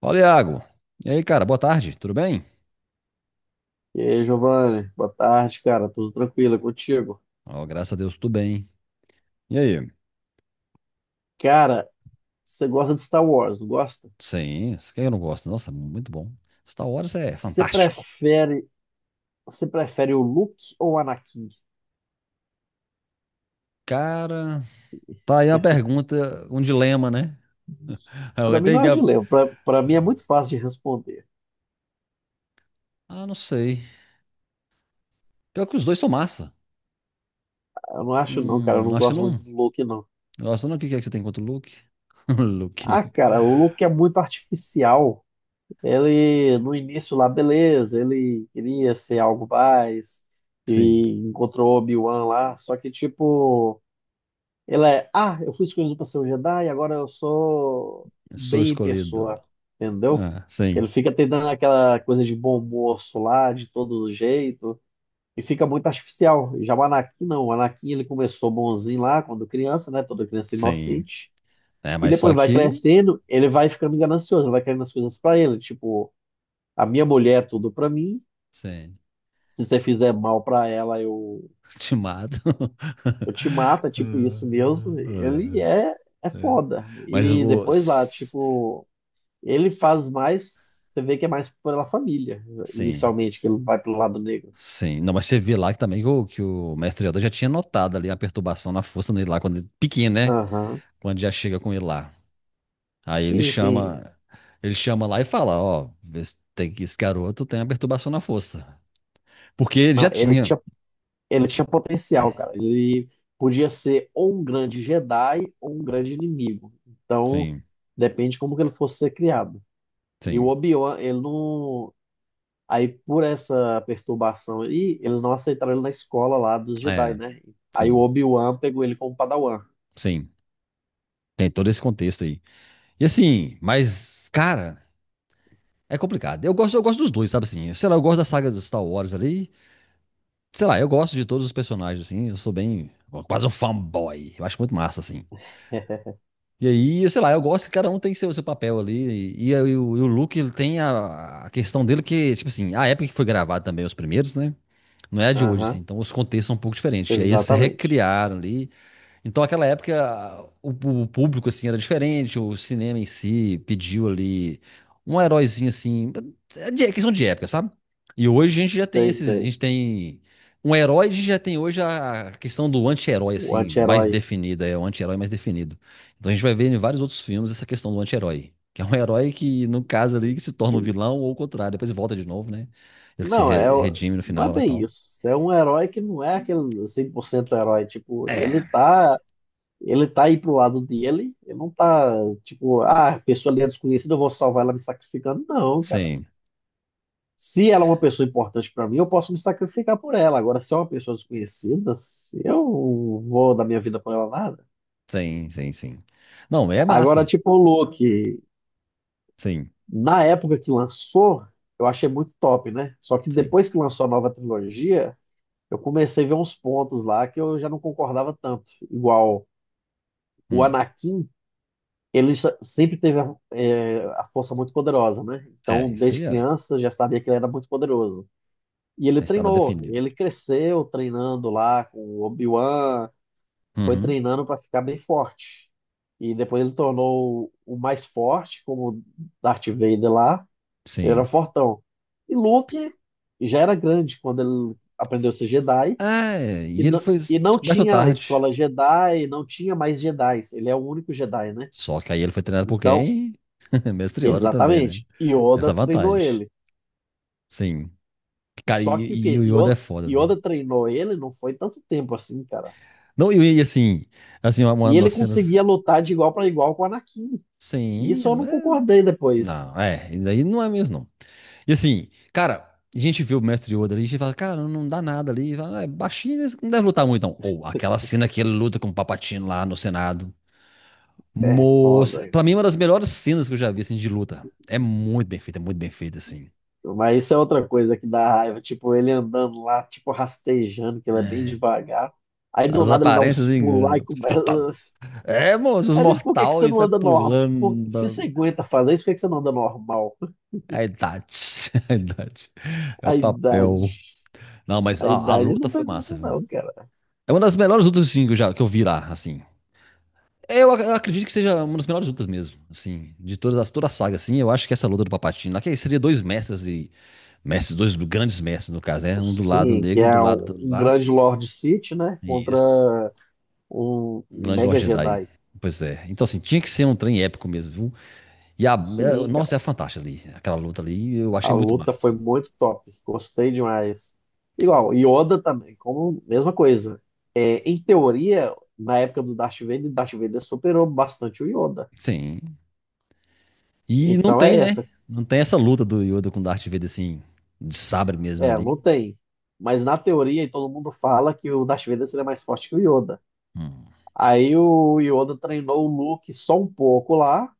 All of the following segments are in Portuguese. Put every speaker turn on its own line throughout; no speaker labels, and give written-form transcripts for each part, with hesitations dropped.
Fala, Iago. E aí, cara, boa tarde, tudo bem?
E aí, Giovanni, boa tarde, cara. Tudo tranquilo é contigo?
Ó, graças a Deus, tudo bem. E aí?
Cara, você gosta de Star Wars, não gosta?
Sim, isso que eu não gosto. Nossa, muito bom. Star Wars é
Você
fantástico.
prefere, você prefere o Luke ou o Anakin?
Cara, tá aí uma pergunta, um dilema, né?
Pra
Eu
mim
tenho
não
que...
é dilema. Pra mim é muito fácil de responder.
Ah, não sei. Pior que os dois são massa.
Eu não acho não, cara. Eu não
Acho que
gosto muito
não.
do Luke, não.
Nossa, não, o que é que você tem contra o Luke? O Luke.
Ah, cara, o Luke é muito artificial. Ele, no início lá, beleza, ele queria ser algo mais
Sim,
e encontrou Obi-Wan lá. Só que, tipo, Ela é, ah, eu fui escolhido para ser um Jedi, agora eu sou
sou
bem em
escolhido.
pessoa, entendeu?
Ah, sim,
Ele fica tentando aquela coisa de bom moço lá, de todo jeito, e fica muito artificial. Já o Anakin, não. O Anakin, ele começou bonzinho lá, quando criança, né? Toda criança
sim.
inocente.
É,
E
mas só
depois vai
que.
crescendo, ele vai ficando ganancioso, vai querendo as coisas para ele. Tipo, a minha mulher é tudo para mim,
Sim,
se você fizer mal para ela, eu
te mato.
Eu te mata, tipo,
Ah,
isso mesmo, ele é
ah,
foda.
mas
E
o.
depois lá, tipo, ele faz mais, você vê que é mais pela família,
Sim,
inicialmente, que ele vai pelo lado negro.
sim. Não, mas você vê lá que também que o mestre Yoda já tinha notado ali a perturbação na força dele lá, quando ele, pequeno, né?
Aham.
Quando já chega com ele lá. Aí ele
Sim, sim.
chama. Ele chama lá e fala: Ó, vê se tem que esse garoto tem a perturbação na força. Porque ele já
Não, ele
tinha.
tinha, ele tinha potencial, cara. Ele podia ser ou um grande Jedi ou um grande inimigo. Então,
Sim,
depende como que ele fosse ser criado. E o
sim.
Obi-Wan, ele não. Aí, por essa perturbação aí, eles não aceitaram ele na escola lá dos Jedi,
É,
né? Aí o
sim,
Obi-Wan pegou ele como Padawan.
sim. Tem todo esse contexto aí. E assim, mas, cara, é complicado. Eu gosto dos dois, sabe assim? Sei lá, eu gosto da saga dos Star Wars ali. Sei lá, eu gosto de todos os personagens, assim. Eu sou bem. Quase um fanboy. Eu acho muito massa, assim. E aí, sei lá, eu gosto que cada um tem seu papel ali. E o Luke, ele tem a questão dele que, tipo assim, a época que foi gravado também, os primeiros, né? Não é a de hoje, assim.
Aham,
Então os contextos são um pouco diferentes. E aí eles
exatamente.
recriaram ali. Então, naquela época, o público, assim, era diferente, o cinema em si pediu ali um heróizinho, assim, é questão de época, sabe? E hoje a gente já tem
Sei,
esses, a
sei.
gente tem um herói, a gente já tem hoje a questão do anti-herói,
O
assim, mais
anti-herói.
definida, é o anti-herói mais definido. Então a gente vai ver em vários outros filmes essa questão do anti-herói, que é um herói que, no caso ali, que se torna um vilão ou o contrário, depois volta de novo, né? Ele se
Não,
re- redime no
não é
final lá e
bem
tal.
isso. É um herói que não é aquele 100% herói. Tipo, ele
É,
tá, ele tá aí pro lado dele. Ele não tá, tipo, ah, a pessoa ali é desconhecida, eu vou salvar ela me sacrificando. Não, cara.
sim,
Se ela é uma pessoa importante para mim, eu posso me sacrificar por ela. Agora, se é uma pessoa desconhecida, eu vou dar minha vida por ela nada.
sim. Não, é
Agora,
massa.
tipo, o Loki,
Sim,
na época que lançou, eu achei muito top, né? Só que
sim.
depois que lançou a nova trilogia, eu comecei a ver uns pontos lá que eu já não concordava tanto. Igual o
Hum,
Anakin, ele sempre teve a força muito poderosa, né?
é,
Então,
isso aí
desde
era.
criança, eu já sabia que ele era muito poderoso. E ele
Já estava
treinou,
definido.
ele cresceu treinando lá com o Obi-Wan, foi
Uhum,
treinando para ficar bem forte. E depois ele tornou o mais forte, como Darth Vader lá, ele era
sim.
fortão. E Luke já era grande quando ele aprendeu a ser Jedi,
É,
e
e ele
não,
foi
e não
descoberto
tinha a
tarde.
escola Jedi, não tinha mais Jedi, ele é o único Jedi, né?
Só que aí ele foi treinado por
Então,
quem? Mestre Yoda também, né?
exatamente, Yoda
Essa
treinou
vantagem.
ele.
Sim. Cara,
Só que o
e
quê?
o Yoda é
Yoda,
foda, viu?
Yoda treinou ele não foi tanto tempo assim, cara.
Não, assim, uma
E ele
das cenas.
conseguia lutar de igual para igual com o Anakin. E
Sim,
isso eu não concordei
não,
depois.
é, isso aí não é mesmo, não. E assim, cara, a gente vê o mestre Yoda ali, a gente fala, cara, não dá nada ali. E fala: "Ah, é baixinho, eles não deve lutar muito, não." Ou aquela cena que ele luta com o Papatino lá no Senado.
É
Moça,
foda.
pra mim, é uma das melhores cenas que eu já vi, assim, de luta. É muito bem feita, assim.
Mas isso é outra coisa que dá raiva. Tipo, ele andando lá, tipo, rastejando, que ele é bem devagar. Aí do
As
nada ele dá uns
aparências
pulos lá e
enganam.
começa.
É, moço, os
Aí ele, por que que você
mortais
não
sai
anda normal?
pulando.
Se você
da-
aguenta fazer isso, por que que você não anda normal?
É a idade, é a idade. É
A
o
idade.
papel. Não, mas
A
ó, a
idade
luta
não
foi
faz
massa,
isso,
viu?
não, cara.
É uma das melhores lutas, assim, que eu vi lá, assim. É, eu acredito que seja uma das melhores lutas mesmo, assim, de toda a saga, assim, eu acho que essa luta do Palpatine lá, que seria dois dois grandes mestres, no caso, né? Um do lado
Sim, que
negro, um do
é
lado
um
do
um
lá,
grande Lord City, né?
e
Contra
esse,
um
um
um
grande Lord
Mega
Jedi.
Jedi.
Pois é. Então, assim, tinha que ser um trem épico mesmo, viu? E a, é,
Sim,
nossa, é fantástica ali, aquela luta ali, eu
a
achei muito
luta
massa,
foi
assim.
muito top. Gostei demais. Igual, Yoda também, como mesma coisa. É, em teoria, na época do Darth Vader, Darth Vader superou bastante o Yoda.
Sim. E não
Então
tem,
é
né?
essa.
Não tem essa luta do Yoda com o Darth Vader, assim, de sabre mesmo
É,
ali.
não tem. Mas na teoria, e todo mundo fala que o Darth Vader seria mais forte que o Yoda.
Hum,
Aí o Yoda treinou o Luke só um pouco lá,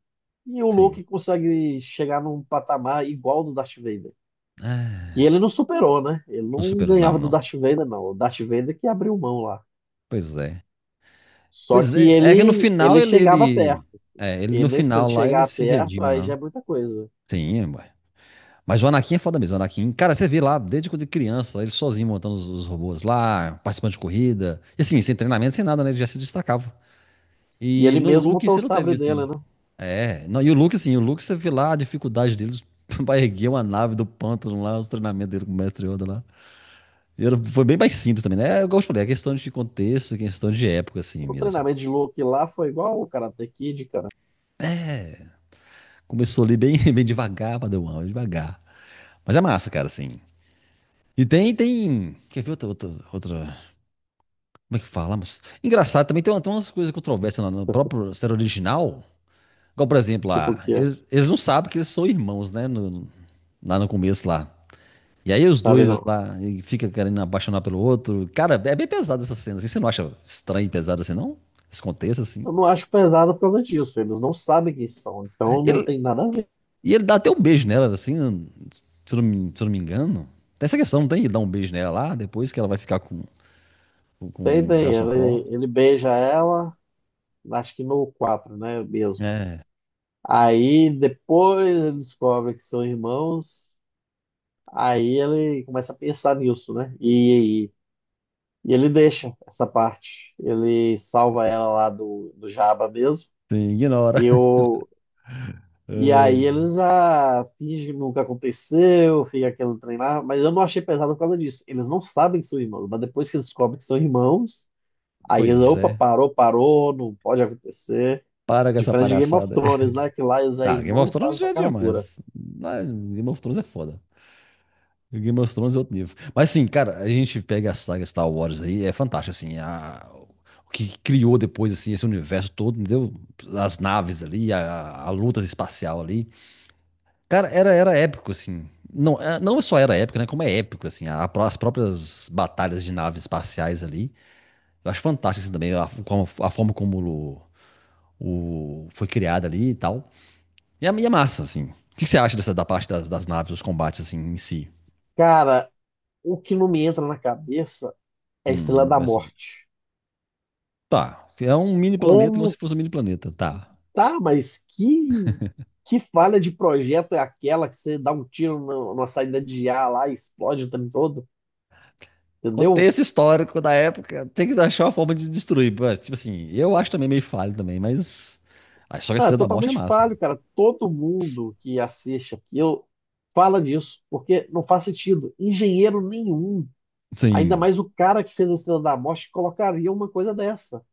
e o
sim.
Luke consegue chegar num patamar igual ao do Darth Vader.
Ah,
Que ele não superou, né? Ele
não
não
superou, não,
ganhava do
não.
Darth Vader, não. O Darth Vader que abriu mão lá.
Pois é.
Só
Pois
que
é, é que no
ele
final
ele
ele,
chegava
ele.
perto.
É, ele
E
no
nesse ele
final lá ele
chegar
se
perto,
redime
aí
lá.
já é muita coisa.
Sim, ué. Mas o Anakin é foda mesmo, o Anakin. Cara, você vê lá, desde quando ele é criança, ele sozinho montando os robôs lá, participando de corrida. E assim, sem treinamento, sem nada, né? Ele já se destacava.
E
E
ele
no
mesmo
Luke
montou o
você não
sabre
teve,
dele,
assim.
né?
É, não, e o Luke, você vê lá a dificuldade deles pra erguer uma nave do pântano lá, os treinamentos dele com o Mestre Yoda lá. E foi bem mais simples também, né? É, igual eu falei, é questão de contexto, é questão de época, assim
O
mesmo.
treinamento de Luke lá foi igual o Karate Kid, cara.
Começou ali bem, bem devagar, Padawan, devagar. Mas é massa, cara, assim. E tem, tem. Quer ver como é que fala? Mas... Engraçado, também tem, tem umas coisas controversas lá no próprio série original. Igual, por exemplo,
Tipo o
lá,
quê?
eles não sabem que eles são irmãos, né? Lá no começo lá. E aí os
Sabe
dois
não.
lá e fica querendo apaixonar pelo outro. Cara, é bem pesado essa cena. Assim. Você não acha estranho e pesado assim, não? Esse contexto, assim.
Eu não acho pesado por causa disso. Eles não sabem quem são. Então não
E
tem nada a ver.
e ele dá até um beijo nela, assim, se eu não me engano. Tem essa questão, não tem? Ele dá um beijo nela lá, depois que ela vai ficar
Tem,
com o
tem.
Harrison Ford.
Ele beija ela, acho que no quatro, né? Mesmo.
É,
Aí depois ele descobre que são irmãos. Aí ele começa a pensar nisso, né? E ele deixa essa parte. Ele salva ela lá do Jabba mesmo.
sim, ignora.
E, o,
Ai,
e aí eles
ai.
já fingem que nunca aconteceu, fica aquele trem lá. Mas eu não achei pesado por causa disso. Eles não sabem que são irmãos, mas depois que eles descobrem que são irmãos, aí eles,
Pois
opa,
é.
parou, parou, não pode acontecer.
Para com essa
Diferente de Game of
palhaçada
Thrones,
aí.
né? Que lá eles é
Ah, Game
irmão
of
e
Thrones
faz
já
da
é
cara dura.
demais. Ah, Game of Thrones é foda. Game of Thrones é outro nível. Mas sim, cara, a gente pega a saga Star Wars aí, é fantástico, assim. A, o que criou depois, assim, esse universo todo, entendeu? As naves ali, a luta espacial ali. Cara, era, era épico, assim. Não, não só era épico, né? Como é épico, assim. As próprias batalhas de naves espaciais ali. Eu acho fantástico, assim, também. A, a forma como foi criada ali e tal. E é massa, assim. O que, que você acha dessa, da parte das, das naves, os combates, assim, em si?
Cara, o que não me entra na cabeça é a
No
Estrela da
universo...
Morte.
Tá. É um mini planeta, como se
Como
fosse um mini planeta. Tá.
Tá, mas que falha de projeto é aquela que você dá um tiro na saída de ar lá e explode o trem todo? Entendeu?
Contexto histórico da época, tem que achar uma forma de destruir. Mas, tipo assim, eu acho também meio falho também, mas... Aí só que a história da
Ah, é
Estrela da Morte é
totalmente
massa,
falho,
velho.
cara. Todo mundo que assiste aquilo fala disso, porque não faz sentido. Engenheiro nenhum, ainda
Sim.
mais o cara que fez a Estrela da Morte, colocaria uma coisa dessa.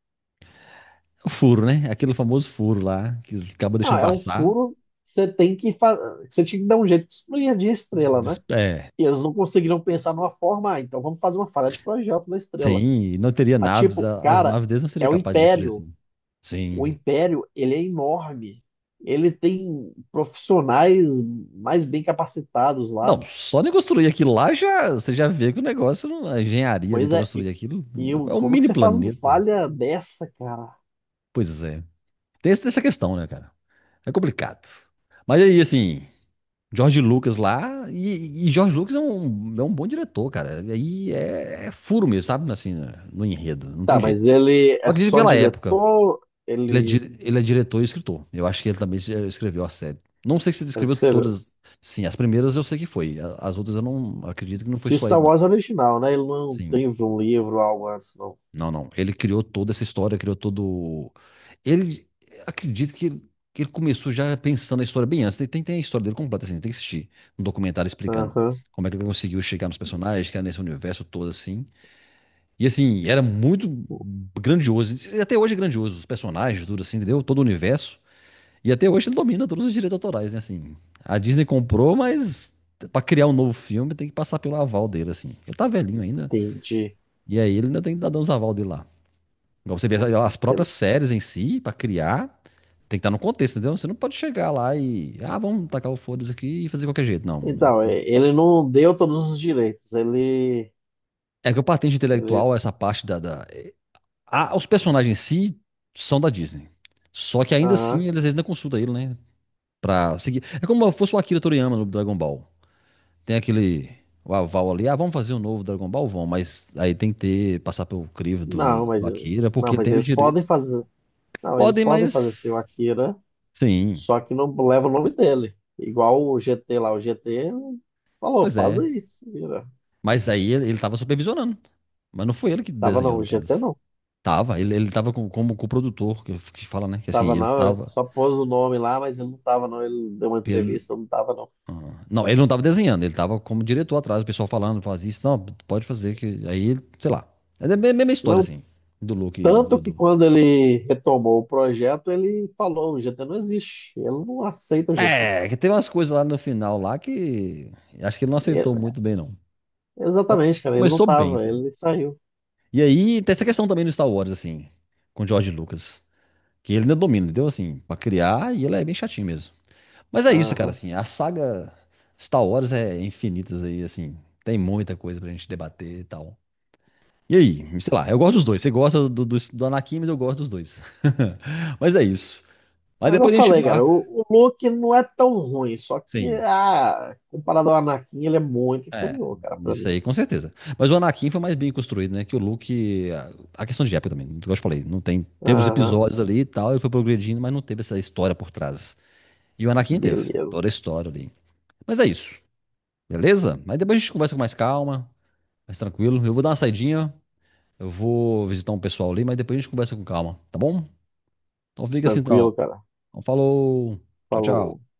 O furo, né? Aquele famoso furo lá, que eles acabam
Ah,
deixando
é um
passar.
furo, você tem que fa... você tinha que dar um jeito, que isso não ia de estrela, né?
É,
E eles não conseguiram pensar numa forma, ah, então vamos fazer uma falha de projeto da estrela.
sim, e não teria
Mas,
naves,
tipo,
as
cara,
naves deles não seriam
é o
capazes de destruir
Império.
assim.
O
Sim.
Império, ele é enorme. Ele tem profissionais mais bem capacitados
Não,
lá.
só de construir aquilo lá já, você já vê que o negócio, a engenharia ali
Pois
pra
é,
construir aquilo, é um
como que
mini
você faz uma
planeta.
falha dessa, cara?
Pois é. Tem essa questão, né, cara? É complicado. Mas aí, assim, George Lucas lá, e George Lucas é um bom diretor, cara. Aí é, é furo mesmo, sabe? Assim, no enredo, não
Tá,
tem
mas
jeito.
ele é
Eu acredito
só
pela época.
diretor?
Ele é,
Ele,
ele é diretor e escritor. Eu acho que ele também escreveu a série. Não sei se ele
ele que
escreveu
escreveu.
todas. Sim, as primeiras eu sei que foi. As outras eu não acredito que não foi
Que o
só
Star
ele, não.
Wars é original, né? Ele não
Sim.
tem um livro algo antes, não.
Não, não. Ele criou toda essa história, criou todo. Ele. Acredito que ele começou já pensando na história bem antes. Tem, tem a história dele completa, assim. Tem que assistir um documentário explicando
Aham,
como é que ele conseguiu chegar nos personagens, que era nesse universo todo, assim. E assim, era muito grandioso. E até hoje é grandioso. Os personagens, tudo assim, entendeu? Todo o universo. E até hoje ele domina todos os direitos autorais, né? Assim, a Disney comprou, mas pra criar um novo filme tem que passar pelo aval dele, assim. Ele tá velhinho ainda.
entendi.
E aí ele ainda tem que dar uns aval dele lá. Igual você vê as
Ele-
próprias séries em si, pra criar, tem que estar no contexto, entendeu? Você não pode chegar lá e. Ah, vamos tacar o foda-se aqui e fazer de qualquer jeito. Não.
então, é,
Tem-
ele não deu todos os direitos.
É que o patente
Ele,
intelectual, essa parte da. Ah, os personagens em si são da Disney. Só que ainda assim,
aham.
eles ainda consultam ele, né? Pra seguir. É como se fosse o Akira Toriyama no Dragon Ball. Tem aquele o aval ali, ah, vamos fazer um novo Dragon Ball, vão, mas aí tem que ter, passar pelo crivo do,
Não, mas
do Akira,
não,
porque ele
mas
tem o
eles podem
direito.
fazer. Não, eles
Podem,
podem fazer seu
mas.
Akira,
Sim,
só que não leva o nome dele. Igual o GT lá, o GT falou,
pois
faz
é.
aí, se vira.
Mas aí ele tava supervisionando. Mas não foi ele que
Tava não,
desenhou,
o
no
GT
caso.
não.
Tava, ele tava com, como co-produtor, que fala, né? Que assim,
Tava
ele
não, é,
tava
só pôs o nome lá, mas ele não tava não, ele deu uma
pelo.
entrevista, não tava não.
Ah, não, ele não tava desenhando, ele tava como diretor atrás, o pessoal falando, faz isso, não, pode fazer, que aí, sei lá. É a mesma história,
Não,
assim, do Luke e
tanto
do,
que
do,
quando ele retomou o projeto, ele falou, o GT não existe, ele não aceita o GT.
é, que tem umas coisas lá no final lá que acho que ele não aceitou
E
muito bem, não.
exatamente, cara, ele não
Começou bem,
tava,
sabe?
ele saiu.
E aí tem essa questão também no Star Wars, assim, com o George Lucas, que ele ainda domina, entendeu? Assim, pra criar, e ele é bem chatinho mesmo. Mas é isso, cara,
Aham.
assim, a saga Star Wars é infinitas aí, assim, tem muita coisa pra gente debater e tal. E aí, sei lá, eu gosto dos dois. Você gosta do Anakin, mas eu gosto dos dois. Mas é isso. Mas
Agora
depois
eu
a gente
falei, cara,
marca.
o Luke não é tão ruim, só que
Sim.
ah, comparado ao Anakin, ele é muito
É,
inferior, cara, pra
isso
mim.
aí com certeza. Mas o Anakin foi mais bem construído, né? Que o Luke. A questão de época também, como eu te falei, não tem. Teve os
Aham,
episódios ali e tal, ele foi progredindo, mas não teve essa história por trás. E o Anakin teve
beleza.
toda a história ali. Mas é isso, beleza? Mas depois a gente conversa com mais calma, mais tranquilo. Eu vou dar uma saidinha, eu vou visitar um pessoal ali, mas depois a gente conversa com calma, tá bom? Então fica assim então.
Tranquilo, cara.
Então falou, tchau,
Falou.
tchau.